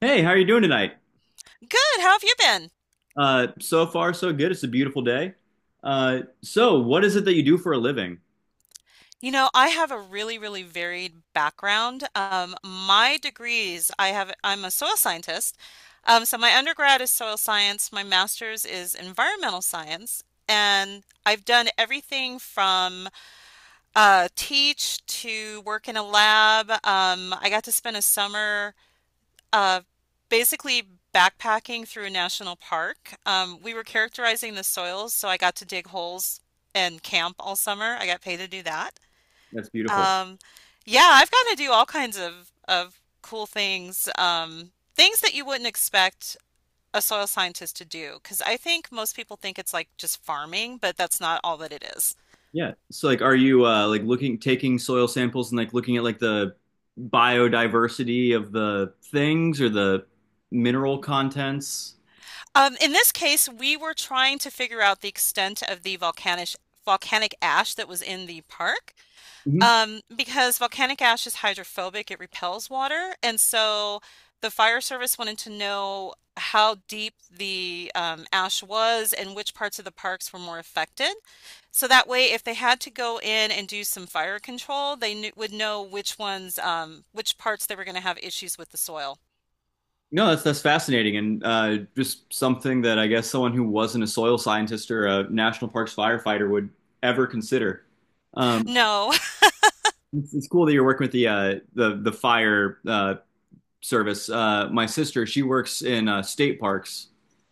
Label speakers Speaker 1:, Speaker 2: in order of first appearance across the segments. Speaker 1: Hey, how are you doing tonight?
Speaker 2: Good. How have you been?
Speaker 1: So far, so good. It's a beautiful day. So what is it that you do for a living?
Speaker 2: You know, I have a really, really varied background. My degrees, I'm a soil scientist. So my undergrad is soil science, my master's is environmental science, and I've done everything from teach to work in a lab. I got to spend a summer uh, basically backpacking through a national park. We were characterizing the soils, so I got to dig holes and camp all summer. I got paid to do that.
Speaker 1: That's beautiful.
Speaker 2: Um, yeah, I've got to do all kinds of cool things, things that you wouldn't expect a soil scientist to do, because I think most people think it's like just farming, but that's not all that it is.
Speaker 1: Yeah. So like, are you like looking, taking soil samples and like looking at like the biodiversity of the things or the mineral contents?
Speaker 2: In this case, we were trying to figure out the extent of the volcanic ash that was in the park.
Speaker 1: hmm
Speaker 2: Because volcanic ash is hydrophobic, it repels water, and so the fire service wanted to know how deep the ash was and which parts of the parks were more affected. So that way, if they had to go in and do some fire control, would know which ones, which parts they were going to have issues with the soil.
Speaker 1: No, that's fascinating and just something that I guess someone who wasn't a soil scientist or a national parks firefighter would ever consider. Um,
Speaker 2: No.
Speaker 1: it's cool that you're working with the the fire service. My sister, she works in state parks,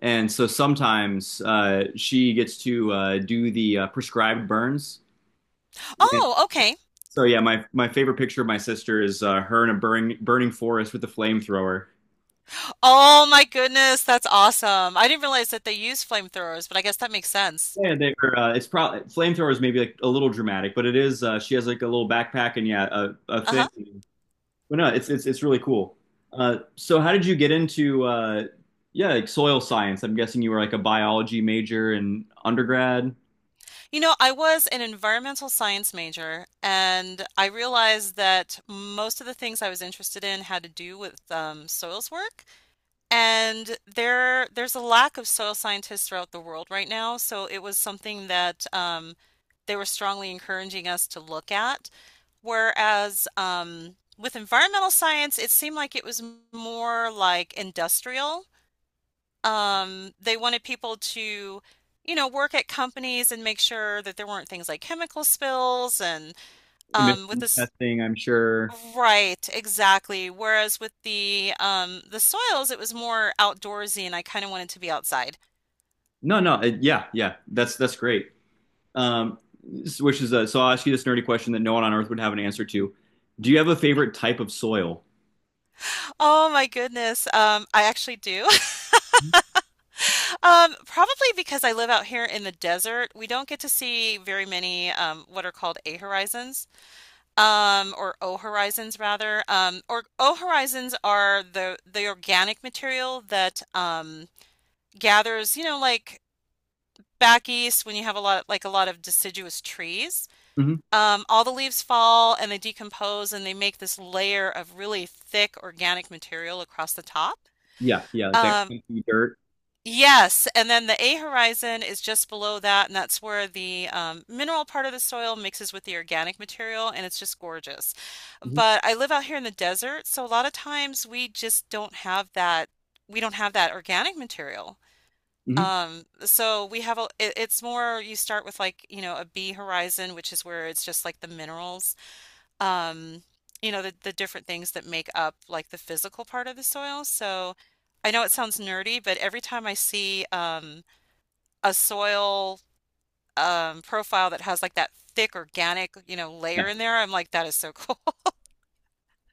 Speaker 1: and so sometimes she gets to do the prescribed burns. And
Speaker 2: Oh, okay.
Speaker 1: so yeah, my favorite picture of my sister is her in a burning forest with a flamethrower.
Speaker 2: Oh my goodness, that's awesome. I didn't realize that they use flamethrowers, but I guess that makes sense.
Speaker 1: Yeah, they are. It's probably flamethrower is maybe like a little dramatic, but it is. She has like a little backpack and yeah, a thing.
Speaker 2: Uh-huh.
Speaker 1: But no, it's really cool. So how did you get into yeah, like soil science? I'm guessing you were like a biology major in undergrad.
Speaker 2: You know, I was an environmental science major, and I realized that most of the things I was interested in had to do with soils work. And there's a lack of soil scientists throughout the world right now, so it was something that they were strongly encouraging us to look at. Whereas with environmental science, it seemed like it was more like industrial. They wanted people to, you know, work at companies and make sure that there weren't things like chemical spills and with
Speaker 1: Emission
Speaker 2: this,
Speaker 1: testing, I'm sure.
Speaker 2: right, exactly. Whereas with the soils, it was more outdoorsy, and I kind of wanted to be outside.
Speaker 1: No, no, it, yeah, yeah, that's great. Um, so I'll ask you this nerdy question that no one on Earth would have an answer to. Do you have a favorite type of soil?
Speaker 2: Oh my goodness. I actually do. Probably because I live out here in the desert, we don't get to see very many what are called A horizons. Or O Horizons rather. Or O Horizons are the organic material that gathers, you know, like back east when you have a lot of deciduous trees.
Speaker 1: hmm
Speaker 2: All the leaves fall and they decompose and they make this layer of really thick organic material across the top.
Speaker 1: Yeah, yeah, like that
Speaker 2: Um,
Speaker 1: kinky dirt.
Speaker 2: Yes, and then the A horizon is just below that, and that's where the mineral part of the soil mixes with the organic material, and it's just gorgeous.
Speaker 1: hmm
Speaker 2: But I live out here in the desert, so a lot of times we just don't have that. We don't have that organic material.
Speaker 1: hmm
Speaker 2: So we have a. It, it's more you start with like you know a B horizon, which is where it's just like the minerals um, you know, the different things that make up like the physical part of the soil. So I know it sounds nerdy, but every time I see a soil profile that has like that thick organic, you know,
Speaker 1: Yeah.
Speaker 2: layer in there, I'm like, that is so cool.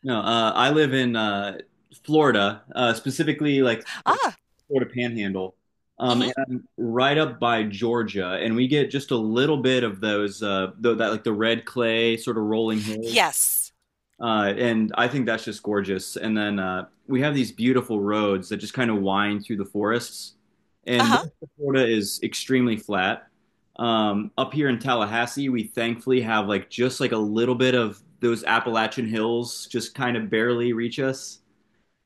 Speaker 1: No, I live in Florida, specifically like the
Speaker 2: Ah,
Speaker 1: Florida Panhandle, and
Speaker 2: hmm.
Speaker 1: I'm right up by Georgia, and we get just a little bit of those the, that like the red clay sort of rolling hills.
Speaker 2: Yes.
Speaker 1: And I think that's just gorgeous. And then we have these beautiful roads that just kind of wind through the forests. And
Speaker 2: Uh-huh.
Speaker 1: most of Florida is extremely flat. Up here in Tallahassee, we thankfully have like just like a little bit of those Appalachian hills just kind of barely reach us.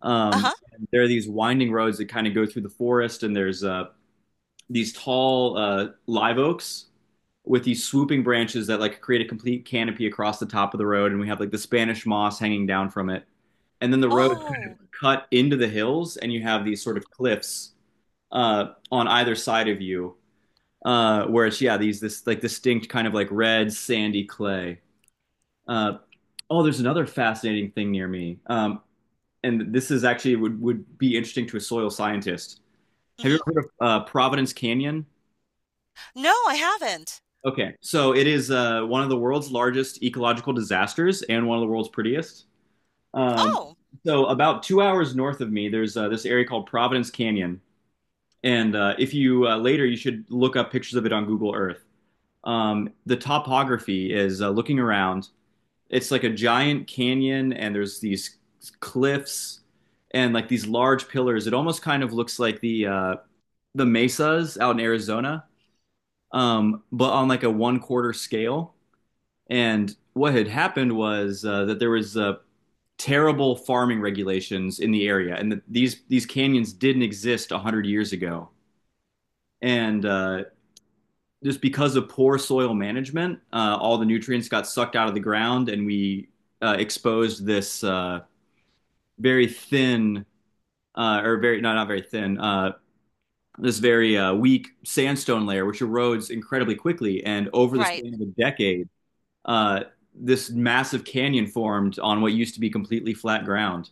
Speaker 2: Uh-huh.
Speaker 1: And there are these winding roads that kind of go through the forest, and there's these tall live oaks with these swooping branches that like create a complete canopy across the top of the road, and we have like the Spanish moss hanging down from it. And then the road kind of
Speaker 2: Oh.
Speaker 1: cut into the hills, and you have these sort of cliffs on either side of you, where it's yeah these this like distinct kind of like red sandy clay. Uh, oh, there's another fascinating thing near me, and this is actually would be interesting to a soil scientist. Have you ever heard
Speaker 2: Mm-hmm.
Speaker 1: of Providence Canyon?
Speaker 2: No, I haven't.
Speaker 1: Okay, so it is one of the world's largest ecological disasters and one of the world's prettiest. Um,
Speaker 2: Oh,
Speaker 1: so, about 2 hours north of me, there's this area called Providence Canyon, and if you later, you should look up pictures of it on Google Earth. The topography is looking around. It's like a giant canyon, and there's these cliffs and like these large pillars. It almost kind of looks like the mesas out in Arizona, but on like a one quarter scale. And what had happened was that there was terrible farming regulations in the area, and that these canyons didn't exist 100 years ago. And just because of poor soil management, all the nutrients got sucked out of the ground, and we exposed this very thin, very no, not very thin, this very weak sandstone layer, which erodes incredibly quickly. And over the
Speaker 2: right.
Speaker 1: span of a decade uh, this massive canyon formed on what used to be completely flat ground.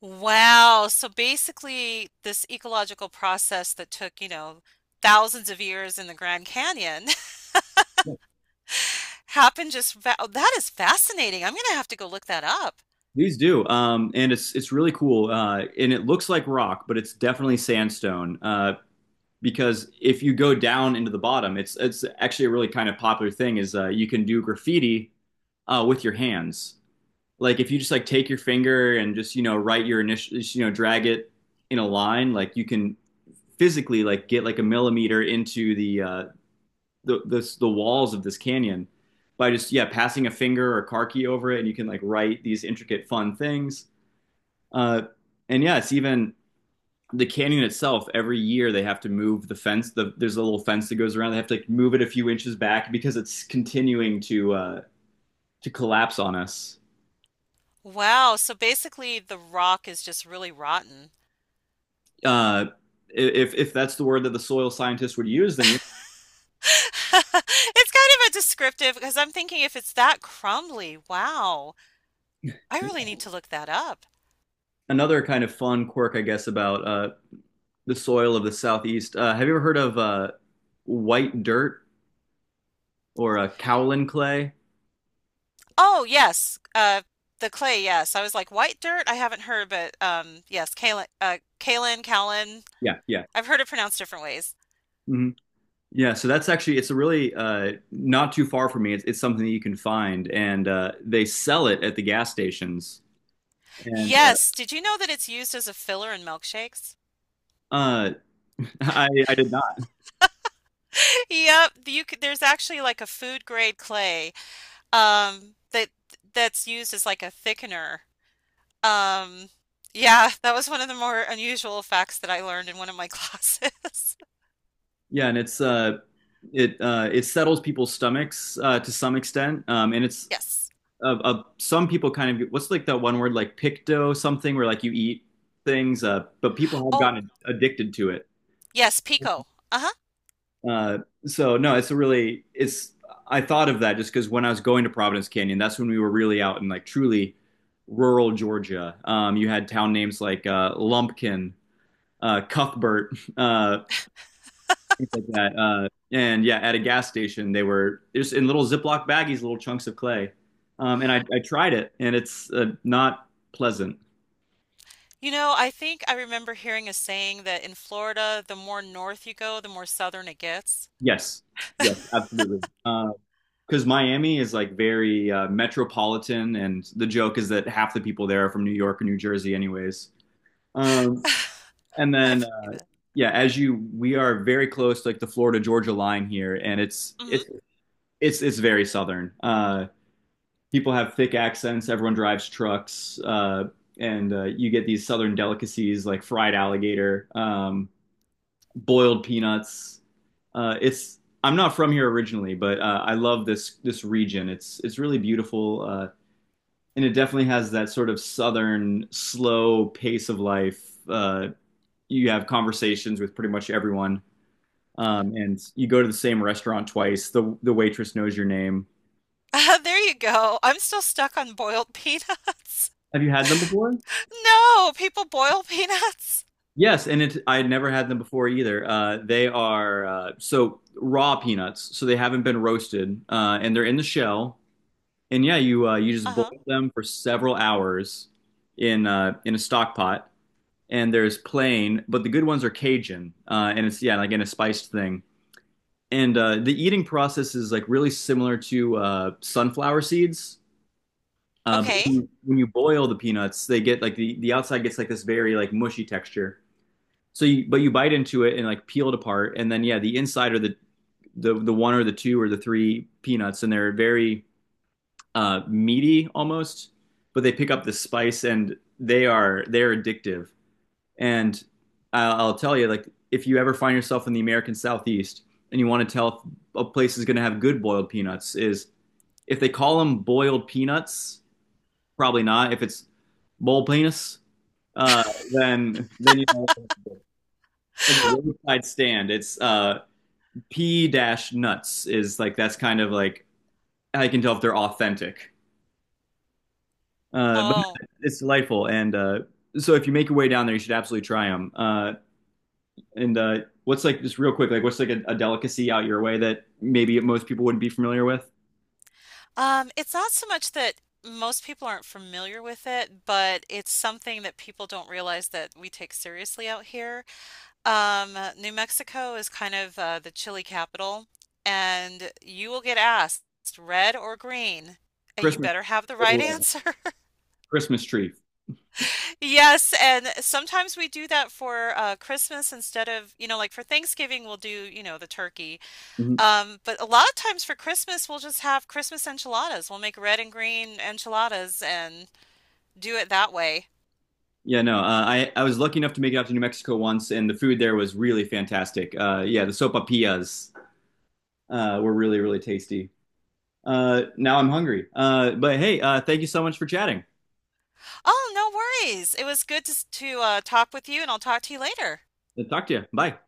Speaker 2: Wow. So basically, this ecological process that took, you know, thousands of years in the Grand Canyon happened just fa oh, that is fascinating. I'm gonna have to go look that up.
Speaker 1: Please do, and it's really cool, and it looks like rock, but it's definitely sandstone. Because if you go down into the bottom, it's actually a really kind of popular thing is you can do graffiti with your hands. Like if you just like take your finger and just you know write your initial, you know drag it in a line, like you can physically like get like a millimeter into the this the walls of this canyon by just yeah passing a finger or karki over it, and you can like write these intricate fun things. Uh, and yeah, it's even the canyon itself. Every year they have to move the fence. There's a little fence that goes around. They have to like, move it a few inches back because it's continuing to collapse on us.
Speaker 2: Wow, so basically the rock is just really rotten.
Speaker 1: Uh, if that's the word that the soil scientists would use, then yeah.
Speaker 2: It's kind of a descriptive because I'm thinking if it's that crumbly, wow. I really need to look that up.
Speaker 1: Another kind of fun quirk, I guess, about the soil of the southeast. Have you ever heard of white dirt? Or a Cowlin clay.
Speaker 2: Oh, yes. The clay, yes. I was like white dirt. I haven't heard, but yes, kaolin.
Speaker 1: Yeah, yeah.
Speaker 2: I've heard it pronounced different ways.
Speaker 1: hmm Yeah, so that's actually it's a really not too far from me. It's something that you can find and they sell it at the gas stations. And
Speaker 2: Yes, did you know that it's used as a filler in milkshakes?
Speaker 1: uh, uh I did not.
Speaker 2: Yep, you could, there's actually like a food grade clay um that that's used as like a thickener. Um yeah, that was one of the more unusual facts that I learned in one of my classes.
Speaker 1: Yeah, and it's it it settles people's stomachs to some extent. And it's
Speaker 2: Yes.
Speaker 1: of some people kind of what's like that one word like picto something where like you eat things but people have
Speaker 2: Oh,
Speaker 1: gotten addicted to it.
Speaker 2: yes, Pico. Uh-huh.
Speaker 1: Uh, so no, it's a really it's I thought of that just because when I was going to Providence Canyon, that's when we were really out in like truly rural Georgia. You had town names like Lumpkin, Cuthbert, uh, things like that. And yeah, at a gas station, they were just in little Ziploc baggies, little chunks of clay. And I tried it, and it's not pleasant.
Speaker 2: You know, I think I remember hearing a saying that in Florida, the more north you go, the more southern it gets.
Speaker 1: Yes, yes, absolutely. Because Miami is like very metropolitan, and the joke is that half the people there are from New York or New Jersey, anyways. Um, and
Speaker 2: I
Speaker 1: then
Speaker 2: believe it.
Speaker 1: yeah, we are very close to like the Florida Georgia line here, and it's
Speaker 2: Hmm.
Speaker 1: it's it's it's very southern. People have thick accents. Everyone drives trucks, and you get these southern delicacies like fried alligator, boiled peanuts. It's I'm not from here originally, but I love this region. It's really beautiful. And it definitely has that sort of southern slow pace of life. Uh, you have conversations with pretty much everyone, and you go to the same restaurant twice. The waitress knows your name.
Speaker 2: There you go. I'm still stuck on boiled peanuts.
Speaker 1: Have you had them before?
Speaker 2: No, people boil peanuts.
Speaker 1: Yes, and it, I had never had them before either. They are so raw peanuts, so they haven't been roasted, and they're in the shell. And yeah, you you just boil
Speaker 2: Uh-huh.
Speaker 1: them for several hours in a stock pot, and there's plain, but the good ones are Cajun, and it's yeah, again a spiced thing. And the eating process is like really similar to sunflower seeds. But
Speaker 2: Okay.
Speaker 1: when you boil the peanuts, they get like the outside gets like this very like mushy texture. So you but you bite into it and like peel it apart, and then yeah, the inside are the one or the two or the three peanuts, and they're very meaty almost. But they pick up the spice, and they're addictive. And I'll tell you, like, if you ever find yourself in the American Southeast and you want to tell if a place is going to have good boiled peanuts, is if they call them boiled peanuts, probably not. If it's bowl penis, uh, then you know. In the roadside stand, it's P dash nuts is like that's kind of like I can tell if they're authentic. But
Speaker 2: Oh.
Speaker 1: it's delightful, and so if you make your way down there, you should absolutely try them. And what's like just real quick, like what's like a delicacy out your way that maybe most people wouldn't be familiar with?
Speaker 2: It's not so much that most people aren't familiar with it, but it's something that people don't realize that we take seriously out here. New Mexico is kind of the chili capital, and you will get asked red or green, and you
Speaker 1: Christmas,
Speaker 2: better have the
Speaker 1: by the
Speaker 2: right
Speaker 1: way.
Speaker 2: answer.
Speaker 1: Christmas tree.
Speaker 2: Yes, and sometimes we do that for Christmas instead of, you know, like for Thanksgiving, we'll do, you know, the turkey.
Speaker 1: Mhm.
Speaker 2: But a lot of times for Christmas, we'll just have Christmas enchiladas. We'll make red and green enchiladas and do it that way.
Speaker 1: Yeah, no, I was lucky enough to make it out to New Mexico once, and the food there was really fantastic. Yeah, the sopapillas were really really tasty. Now I'm hungry. But hey, thank you so much for chatting.
Speaker 2: Oh, no worries. It was good to talk with you, and I'll talk to you later.
Speaker 1: I'll talk to you. Bye.